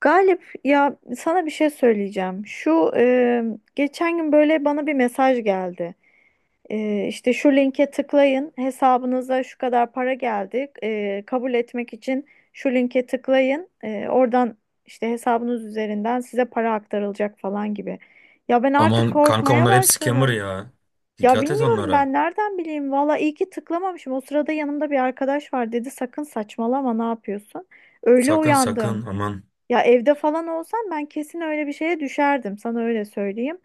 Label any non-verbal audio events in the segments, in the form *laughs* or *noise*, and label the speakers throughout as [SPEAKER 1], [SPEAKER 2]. [SPEAKER 1] Galip, ya sana bir şey söyleyeceğim. Şu geçen gün böyle bana bir mesaj geldi. E, işte şu linke tıklayın, hesabınıza şu kadar para geldi. Kabul etmek için şu linke tıklayın. Oradan işte hesabınız üzerinden size para aktarılacak falan gibi. Ya ben
[SPEAKER 2] Aman
[SPEAKER 1] artık
[SPEAKER 2] kanka
[SPEAKER 1] korkmaya
[SPEAKER 2] onlar hep scammer
[SPEAKER 1] başladım.
[SPEAKER 2] ya.
[SPEAKER 1] Ya
[SPEAKER 2] Dikkat et
[SPEAKER 1] bilmiyorum,
[SPEAKER 2] onlara.
[SPEAKER 1] ben nereden bileyim. Valla iyi ki tıklamamışım. O sırada yanımda bir arkadaş var, dedi sakın saçmalama, ne yapıyorsun? Öyle
[SPEAKER 2] Sakın
[SPEAKER 1] uyandım.
[SPEAKER 2] sakın aman.
[SPEAKER 1] Ya evde falan olsam ben kesin öyle bir şeye düşerdim. Sana öyle söyleyeyim.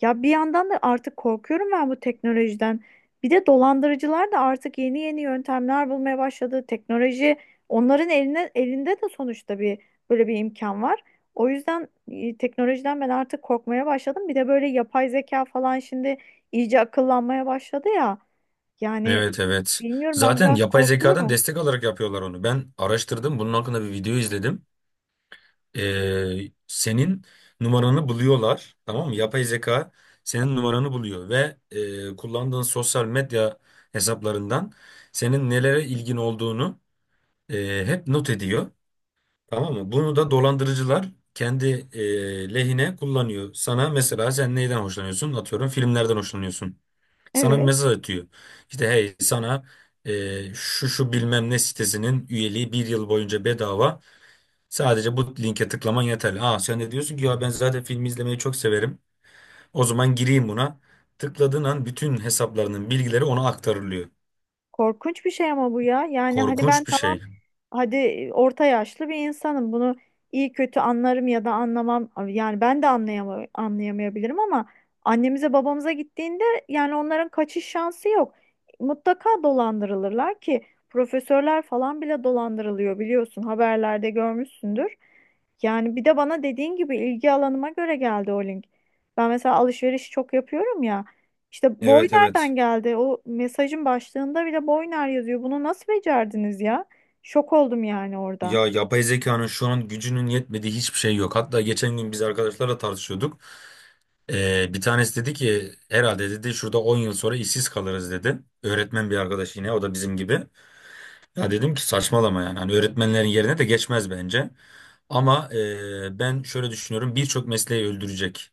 [SPEAKER 1] Ya bir yandan da artık korkuyorum ben bu teknolojiden. Bir de dolandırıcılar da artık yeni yeni yöntemler bulmaya başladı. Teknoloji onların eline, elinde de sonuçta bir böyle bir imkan var. O yüzden teknolojiden ben artık korkmaya başladım. Bir de böyle yapay zeka falan şimdi iyice akıllanmaya başladı ya. Yani
[SPEAKER 2] Evet evet.
[SPEAKER 1] bilmiyorum, ben
[SPEAKER 2] Zaten
[SPEAKER 1] biraz
[SPEAKER 2] yapay zekadan
[SPEAKER 1] korkuyorum.
[SPEAKER 2] destek alarak yapıyorlar onu. Ben araştırdım. Bunun hakkında bir video izledim. Senin numaranı buluyorlar. Tamam mı? Yapay zeka senin numaranı buluyor ve kullandığın sosyal medya hesaplarından senin nelere ilgin olduğunu hep not ediyor. Tamam mı? Bunu da dolandırıcılar kendi lehine kullanıyor. Sana mesela sen neyden hoşlanıyorsun? Atıyorum filmlerden hoşlanıyorsun. Sana bir
[SPEAKER 1] Evet.
[SPEAKER 2] mesaj atıyor. İşte hey sana şu bilmem ne sitesinin üyeliği bir yıl boyunca bedava. Sadece bu linke tıklaman yeterli. Aa sen de diyorsun ki ya ben zaten film izlemeyi çok severim. O zaman gireyim buna. Tıkladığın an bütün hesaplarının bilgileri ona aktarılıyor.
[SPEAKER 1] Korkunç bir şey ama bu ya. Yani hani ben
[SPEAKER 2] Korkunç bir
[SPEAKER 1] tamam,
[SPEAKER 2] şey.
[SPEAKER 1] hadi orta yaşlı bir insanım. Bunu iyi kötü anlarım ya da anlamam. Yani ben de anlayamayabilirim ama annemize babamıza gittiğinde yani onların kaçış şansı yok. Mutlaka dolandırılırlar ki profesörler falan bile dolandırılıyor, biliyorsun, haberlerde görmüşsündür. Yani bir de bana dediğin gibi ilgi alanıma göre geldi o link. Ben mesela alışveriş çok yapıyorum ya. İşte boy
[SPEAKER 2] Evet evet.
[SPEAKER 1] nereden geldi? O mesajın başlığında bile boy ner yazıyor. Bunu nasıl becerdiniz ya? Şok oldum yani orada.
[SPEAKER 2] Ya yapay zekanın şu an gücünün yetmediği hiçbir şey yok. Hatta geçen gün biz arkadaşlarla tartışıyorduk. Bir tanesi dedi ki herhalde dedi şurada 10 yıl sonra işsiz kalırız dedi. Öğretmen bir arkadaş yine o da bizim gibi. Ya dedim ki saçmalama yani hani öğretmenlerin yerine de geçmez bence. Ama ben şöyle düşünüyorum birçok mesleği öldürecek.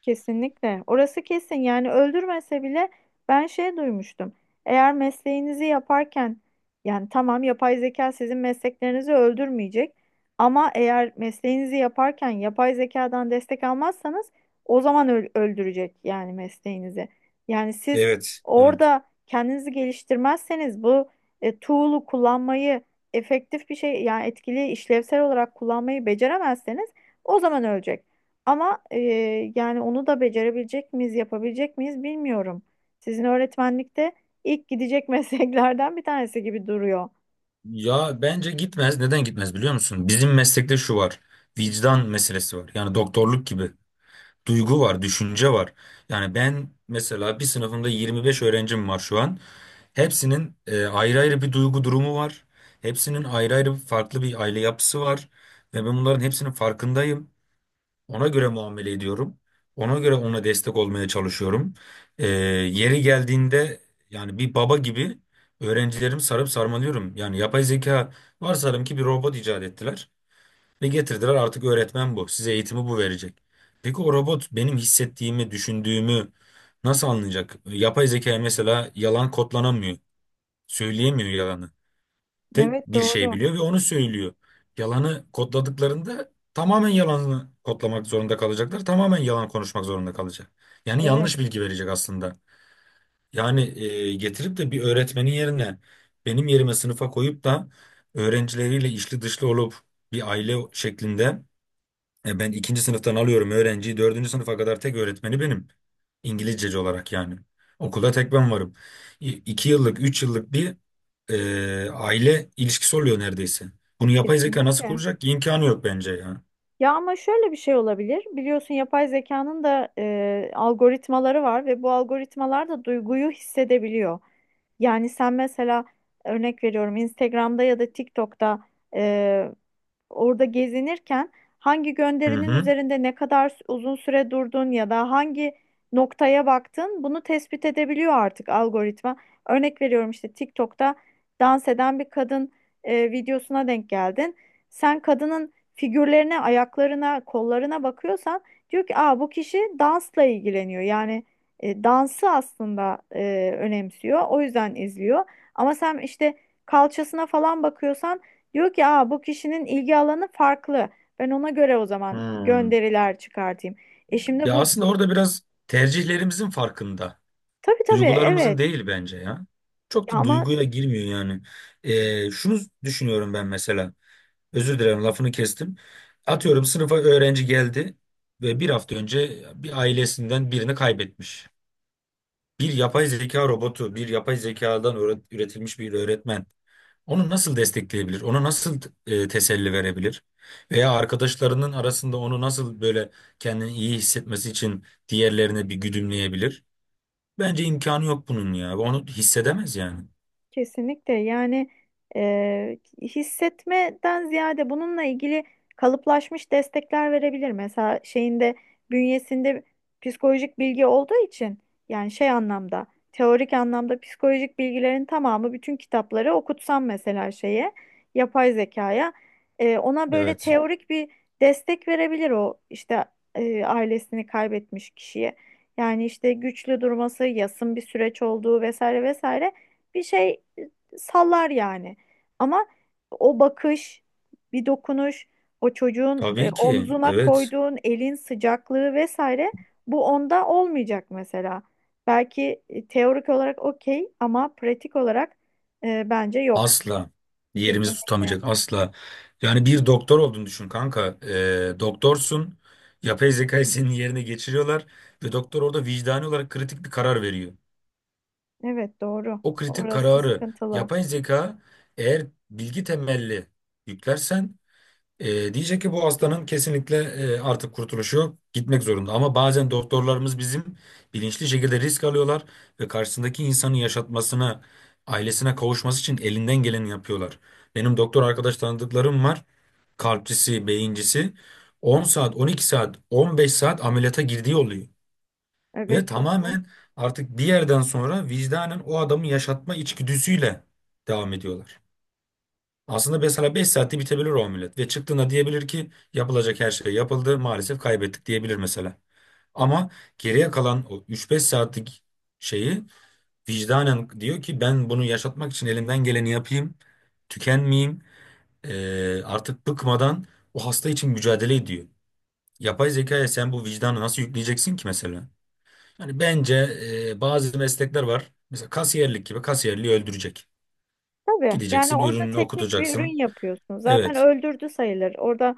[SPEAKER 1] Kesinlikle. Orası kesin. Yani öldürmese bile ben şey duymuştum. Eğer mesleğinizi yaparken, yani tamam, yapay zeka sizin mesleklerinizi öldürmeyecek ama eğer mesleğinizi yaparken yapay zekadan destek almazsanız o zaman öldürecek yani mesleğinizi. Yani siz
[SPEAKER 2] Evet, evet.
[SPEAKER 1] orada kendinizi geliştirmezseniz bu tool'u kullanmayı, efektif bir şey yani etkili, işlevsel olarak kullanmayı beceremezseniz o zaman ölecek. Ama yani onu da becerebilecek miyiz, yapabilecek miyiz bilmiyorum. Sizin öğretmenlikte ilk gidecek *laughs* mesleklerden bir tanesi gibi duruyor.
[SPEAKER 2] Ya bence gitmez. Neden gitmez biliyor musun? Bizim meslekte şu var. Vicdan meselesi var. Yani doktorluk gibi. Duygu var, düşünce var. Yani ben mesela bir sınıfımda 25 öğrencim var şu an. Hepsinin ayrı ayrı bir duygu durumu var. Hepsinin ayrı ayrı farklı bir aile yapısı var. Ve ben bunların hepsinin farkındayım. Ona göre muamele ediyorum. Ona göre ona destek olmaya çalışıyorum. Yeri geldiğinde yani bir baba gibi öğrencilerimi sarıp sarmalıyorum. Yani yapay zeka varsayalım ki bir robot icat ettiler. Ve getirdiler artık öğretmen bu. Size eğitimi bu verecek. Peki o robot benim hissettiğimi, düşündüğümü nasıl anlayacak? Yapay zeka mesela yalan kodlanamıyor. Söyleyemiyor yalanı. Tek
[SPEAKER 1] Evet,
[SPEAKER 2] bir şey
[SPEAKER 1] doğru.
[SPEAKER 2] biliyor ve onu söylüyor. Yalanı kodladıklarında tamamen yalanı kodlamak zorunda kalacaklar. Tamamen yalan konuşmak zorunda kalacak. Yani yanlış
[SPEAKER 1] Evet,
[SPEAKER 2] bilgi verecek aslında. Yani getirip de bir öğretmenin yerine benim yerime sınıfa koyup da öğrencileriyle içli dışlı olup bir aile şeklinde ben ikinci sınıftan alıyorum öğrenciyi. Dördüncü sınıfa kadar tek öğretmeni benim. İngilizceci olarak yani. Okulda tek ben varım. İki yıllık, üç yıllık bir aile ilişkisi oluyor neredeyse. Bunu yapay zeka nasıl
[SPEAKER 1] kesinlikle.
[SPEAKER 2] kuracak ki? İmkanı yok bence ya.
[SPEAKER 1] Ya ama şöyle bir şey olabilir. Biliyorsun yapay zekanın da algoritmaları var ve bu algoritmalar da duyguyu hissedebiliyor. Yani sen mesela, örnek veriyorum, Instagram'da ya da TikTok'ta e, orada gezinirken hangi
[SPEAKER 2] Hı
[SPEAKER 1] gönderinin
[SPEAKER 2] hı.
[SPEAKER 1] üzerinde ne kadar uzun süre durdun ya da hangi noktaya baktın, bunu tespit edebiliyor artık algoritma. Örnek veriyorum, işte TikTok'ta dans eden bir kadın videosuna denk geldin. Sen kadının figürlerine, ayaklarına, kollarına bakıyorsan diyor ki aa, bu kişi dansla ilgileniyor. Yani dansı aslında önemsiyor. O yüzden izliyor. Ama sen işte kalçasına falan bakıyorsan diyor ki aa, bu kişinin ilgi alanı farklı. Ben ona göre o zaman
[SPEAKER 2] Hmm.
[SPEAKER 1] gönderiler çıkartayım. E şimdi
[SPEAKER 2] Ya
[SPEAKER 1] bu,
[SPEAKER 2] aslında orada biraz tercihlerimizin farkında.
[SPEAKER 1] tabii tabii,
[SPEAKER 2] Duygularımızın
[SPEAKER 1] evet.
[SPEAKER 2] değil bence ya. Çok
[SPEAKER 1] Ya
[SPEAKER 2] da
[SPEAKER 1] ama.
[SPEAKER 2] duyguya girmiyor yani. Şunu düşünüyorum ben mesela. Özür dilerim lafını kestim. Atıyorum sınıfa öğrenci geldi ve bir hafta önce bir ailesinden birini kaybetmiş. Bir yapay zeka robotu, bir yapay zekadan üretilmiş bir öğretmen onu nasıl destekleyebilir? Ona nasıl teselli verebilir? Veya arkadaşlarının arasında onu nasıl böyle kendini iyi hissetmesi için diğerlerine bir güdümleyebilir? Bence imkanı yok bunun ya. Onu hissedemez yani.
[SPEAKER 1] Kesinlikle yani, hissetmeden ziyade bununla ilgili kalıplaşmış destekler verebilir. Mesela şeyinde, bünyesinde psikolojik bilgi olduğu için, yani şey anlamda, teorik anlamda psikolojik bilgilerin tamamı, bütün kitapları okutsam mesela şeye, yapay zekaya, ona böyle
[SPEAKER 2] Evet.
[SPEAKER 1] teorik bir destek verebilir o, işte ailesini kaybetmiş kişiye. Yani işte güçlü durması, yasın bir süreç olduğu vesaire vesaire bir şey sallar yani. Ama o bakış, bir dokunuş, o çocuğun
[SPEAKER 2] Tabii ki.
[SPEAKER 1] omzuna
[SPEAKER 2] Evet.
[SPEAKER 1] koyduğun elin sıcaklığı vesaire, bu onda olmayacak mesela. Belki teorik olarak okey ama pratik olarak bence yok.
[SPEAKER 2] Asla yerimizi
[SPEAKER 1] Kesinlikle.
[SPEAKER 2] tutamayacak asla. Yani bir doktor olduğunu düşün kanka. Doktorsun. Yapay zekayı senin yerine geçiriyorlar ve doktor orada vicdani olarak kritik bir karar veriyor.
[SPEAKER 1] Evet, doğru.
[SPEAKER 2] O kritik
[SPEAKER 1] Orası
[SPEAKER 2] kararı
[SPEAKER 1] sıkıntılı.
[SPEAKER 2] yapay zeka eğer bilgi temelli yüklersen diyecek ki bu hastanın kesinlikle artık kurtuluşu yok, gitmek zorunda. Ama bazen doktorlarımız bizim bilinçli şekilde risk alıyorlar ve karşısındaki insanın yaşatmasına, ailesine kavuşması için elinden geleni yapıyorlar. Benim doktor arkadaş tanıdıklarım var, kalpçisi, beyincisi. 10 saat, 12 saat, 15 saat ameliyata girdiği oluyor. Ve
[SPEAKER 1] Evet, doğru.
[SPEAKER 2] tamamen artık bir yerden sonra vicdanen o adamı yaşatma içgüdüsüyle devam ediyorlar. Aslında mesela 5 saatte bitebilir o ameliyat ve çıktığında diyebilir ki yapılacak her şey yapıldı maalesef kaybettik diyebilir mesela. Ama geriye kalan o 3-5 saatlik şeyi vicdanen diyor ki ben bunu yaşatmak için elimden geleni yapayım, tükenmeyeyim, artık bıkmadan o hasta için mücadele ediyor. Yapay zekaya sen bu vicdanı nasıl yükleyeceksin ki mesela? Yani bence bazı meslekler var. Mesela kasiyerlik gibi kasiyerliği öldürecek.
[SPEAKER 1] Tabii yani
[SPEAKER 2] Gideceksin,
[SPEAKER 1] orada
[SPEAKER 2] ürününü
[SPEAKER 1] teknik bir
[SPEAKER 2] okutacaksın.
[SPEAKER 1] ürün yapıyorsun. Zaten
[SPEAKER 2] Evet.
[SPEAKER 1] öldürdü sayılır. Orada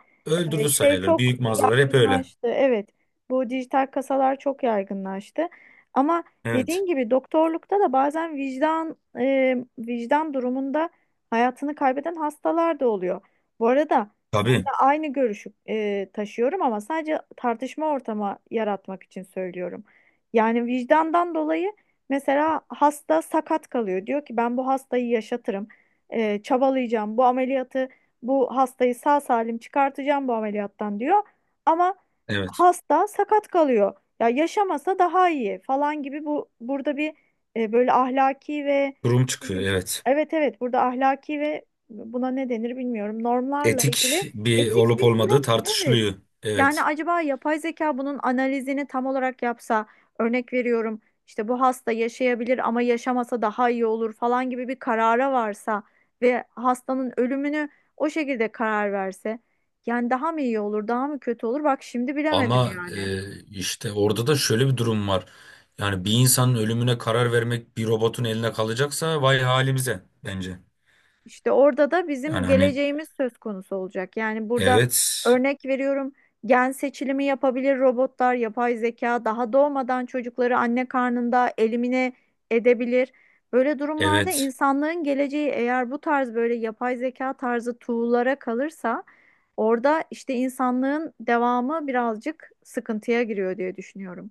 [SPEAKER 2] Öldürdü
[SPEAKER 1] şey
[SPEAKER 2] sayılır.
[SPEAKER 1] çok
[SPEAKER 2] Büyük mağazalar hep öyle.
[SPEAKER 1] yaygınlaştı. Evet, bu dijital kasalar çok yaygınlaştı. Ama
[SPEAKER 2] Evet.
[SPEAKER 1] dediğin gibi doktorlukta da bazen vicdan durumunda hayatını kaybeden hastalar da oluyor. Bu arada sen de
[SPEAKER 2] Tabii.
[SPEAKER 1] aynı görüşü taşıyorum ama sadece tartışma ortamı yaratmak için söylüyorum. Yani vicdandan dolayı. Mesela hasta sakat kalıyor. Diyor ki ben bu hastayı yaşatırım. Çabalayacağım. Bu ameliyatı, bu hastayı sağ salim çıkartacağım bu ameliyattan diyor. Ama
[SPEAKER 2] Evet.
[SPEAKER 1] hasta sakat kalıyor. Ya yaşamasa daha iyi falan gibi, bu burada bir böyle ahlaki ve,
[SPEAKER 2] Durum
[SPEAKER 1] ne
[SPEAKER 2] çıkıyor.
[SPEAKER 1] bileyim,
[SPEAKER 2] Evet.
[SPEAKER 1] evet evet, burada ahlaki ve, buna ne denir bilmiyorum, normlarla
[SPEAKER 2] Etik
[SPEAKER 1] ilgili
[SPEAKER 2] bir
[SPEAKER 1] etik
[SPEAKER 2] olup
[SPEAKER 1] bir
[SPEAKER 2] olmadığı
[SPEAKER 1] durum, evet.
[SPEAKER 2] tartışılıyor.
[SPEAKER 1] Yani
[SPEAKER 2] Evet.
[SPEAKER 1] acaba yapay zeka bunun analizini tam olarak yapsa, örnek veriyorum, işte bu hasta yaşayabilir ama yaşamasa daha iyi olur falan gibi bir karara varsa ve hastanın ölümünü o şekilde karar verse, yani daha mı iyi olur, daha mı kötü olur? Bak şimdi bilemedim
[SPEAKER 2] Ama
[SPEAKER 1] yani.
[SPEAKER 2] işte orada da şöyle bir durum var. Yani bir insanın ölümüne karar vermek bir robotun eline kalacaksa vay halimize bence.
[SPEAKER 1] İşte orada da bizim
[SPEAKER 2] Yani hani
[SPEAKER 1] geleceğimiz söz konusu olacak. Yani burada,
[SPEAKER 2] evet,
[SPEAKER 1] örnek veriyorum, gen seçilimi yapabilir robotlar, yapay zeka daha doğmadan çocukları anne karnında elimine edebilir. Böyle durumlarda
[SPEAKER 2] evet.
[SPEAKER 1] insanlığın geleceği, eğer bu tarz böyle yapay zeka tarzı tool'lara kalırsa, orada işte insanlığın devamı birazcık sıkıntıya giriyor diye düşünüyorum.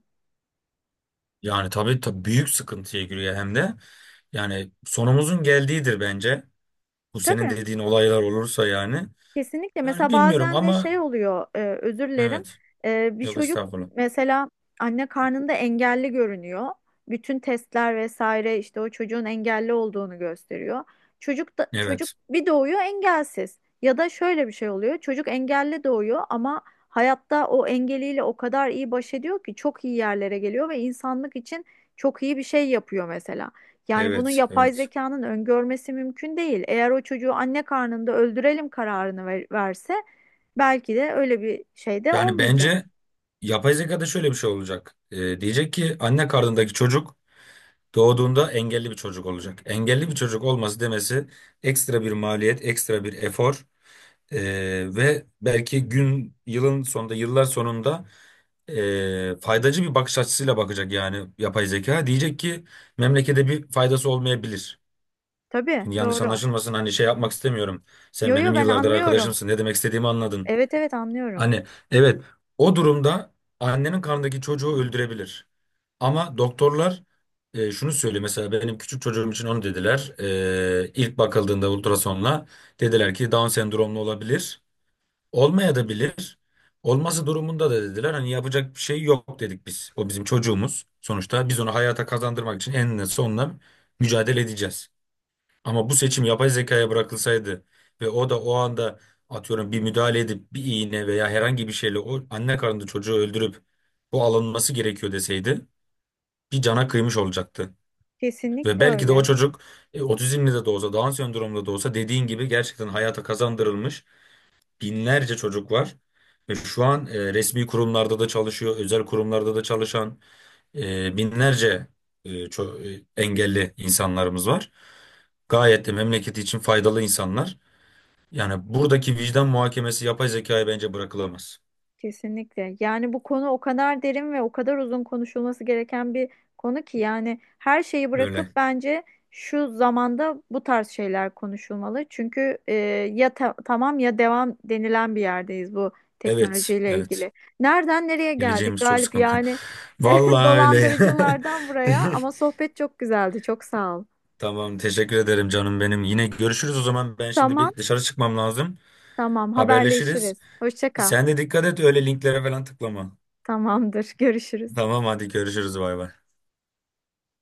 [SPEAKER 2] Yani tabii, tabii büyük sıkıntıya giriyor hem de. Yani sonumuzun geldiğidir bence. Bu senin
[SPEAKER 1] Tabii.
[SPEAKER 2] dediğin olaylar olursa yani.
[SPEAKER 1] Kesinlikle.
[SPEAKER 2] Yani
[SPEAKER 1] Mesela
[SPEAKER 2] bilmiyorum
[SPEAKER 1] bazen de
[SPEAKER 2] ama
[SPEAKER 1] şey oluyor, özür dilerim.
[SPEAKER 2] evet.
[SPEAKER 1] Bir
[SPEAKER 2] Yok
[SPEAKER 1] çocuk
[SPEAKER 2] estağfurullah.
[SPEAKER 1] mesela anne karnında engelli görünüyor. Bütün testler vesaire işte o çocuğun engelli olduğunu gösteriyor. Çocuk da çocuk
[SPEAKER 2] Evet.
[SPEAKER 1] bir doğuyor engelsiz. Ya da şöyle bir şey oluyor. Çocuk engelli doğuyor ama hayatta o engeliyle o kadar iyi baş ediyor ki çok iyi yerlere geliyor ve insanlık için çok iyi bir şey yapıyor mesela. Yani bunu
[SPEAKER 2] Evet.
[SPEAKER 1] yapay
[SPEAKER 2] Evet.
[SPEAKER 1] zekanın öngörmesi mümkün değil. Eğer o çocuğu anne karnında öldürelim kararını verse, belki de öyle bir şey de
[SPEAKER 2] Yani bence
[SPEAKER 1] olmayacak.
[SPEAKER 2] yapay zekada şöyle bir şey olacak. Diyecek ki anne karnındaki çocuk doğduğunda engelli bir çocuk olacak. Engelli bir çocuk olması demesi ekstra bir maliyet, ekstra bir efor ve belki gün, yılın sonunda, yıllar sonunda faydacı bir bakış açısıyla bakacak yani yapay zeka. Diyecek ki memlekete bir faydası olmayabilir.
[SPEAKER 1] Tabii,
[SPEAKER 2] Şimdi yanlış
[SPEAKER 1] doğru.
[SPEAKER 2] anlaşılmasın hani şey yapmak istemiyorum. Sen
[SPEAKER 1] Yo yo,
[SPEAKER 2] benim
[SPEAKER 1] ben
[SPEAKER 2] yıllardır
[SPEAKER 1] anlıyorum.
[SPEAKER 2] arkadaşımsın. Ne demek istediğimi anladın.
[SPEAKER 1] Evet evet, anlıyorum.
[SPEAKER 2] Hani evet o durumda annenin karnındaki çocuğu öldürebilir. Ama doktorlar şunu söylüyor mesela benim küçük çocuğum için onu dediler. İlk bakıldığında ultrasonla dediler ki Down sendromlu olabilir. Olmaya da bilir. Olması durumunda da dediler hani yapacak bir şey yok dedik biz. O bizim çocuğumuz. Sonuçta biz onu hayata kazandırmak için eninde sonunda mücadele edeceğiz. Ama bu seçim yapay zekaya bırakılsaydı ve o da o anda atıyorum bir müdahale edip bir iğne veya herhangi bir şeyle o anne karnında çocuğu öldürüp bu alınması gerekiyor deseydi bir cana kıymış olacaktı. Ve
[SPEAKER 1] Kesinlikle
[SPEAKER 2] belki de o
[SPEAKER 1] öyle.
[SPEAKER 2] çocuk otizmli de olsa, Down sendromlu da olsa dediğin gibi gerçekten hayata kazandırılmış binlerce çocuk var. Ve şu an resmi kurumlarda da çalışıyor, özel kurumlarda da çalışan binlerce engelli insanlarımız var. Gayet de memleketi için faydalı insanlar. Yani buradaki vicdan muhakemesi yapay zekaya bence bırakılamaz.
[SPEAKER 1] Kesinlikle. Yani bu konu o kadar derin ve o kadar uzun konuşulması gereken bir konu ki, yani her şeyi bırakıp
[SPEAKER 2] Öyle.
[SPEAKER 1] bence şu zamanda bu tarz şeyler konuşulmalı. Çünkü ya tamam ya devam denilen bir yerdeyiz bu
[SPEAKER 2] Evet,
[SPEAKER 1] teknolojiyle
[SPEAKER 2] evet.
[SPEAKER 1] ilgili. Nereden nereye geldik
[SPEAKER 2] Geleceğimiz çok
[SPEAKER 1] Galip?
[SPEAKER 2] sıkıntı.
[SPEAKER 1] Yani *laughs*
[SPEAKER 2] Vallahi öyle. Ya.
[SPEAKER 1] dolandırıcılardan buraya,
[SPEAKER 2] *laughs*
[SPEAKER 1] ama sohbet çok güzeldi. Çok sağ ol.
[SPEAKER 2] Tamam, teşekkür ederim canım benim. Yine görüşürüz o zaman. Ben şimdi
[SPEAKER 1] Tamam,
[SPEAKER 2] bir dışarı çıkmam lazım.
[SPEAKER 1] tamam,
[SPEAKER 2] Haberleşiriz.
[SPEAKER 1] haberleşiriz. Hoşça kal.
[SPEAKER 2] Sen de dikkat et öyle linklere falan tıklama.
[SPEAKER 1] Tamamdır. Görüşürüz.
[SPEAKER 2] Tamam hadi görüşürüz bay bay.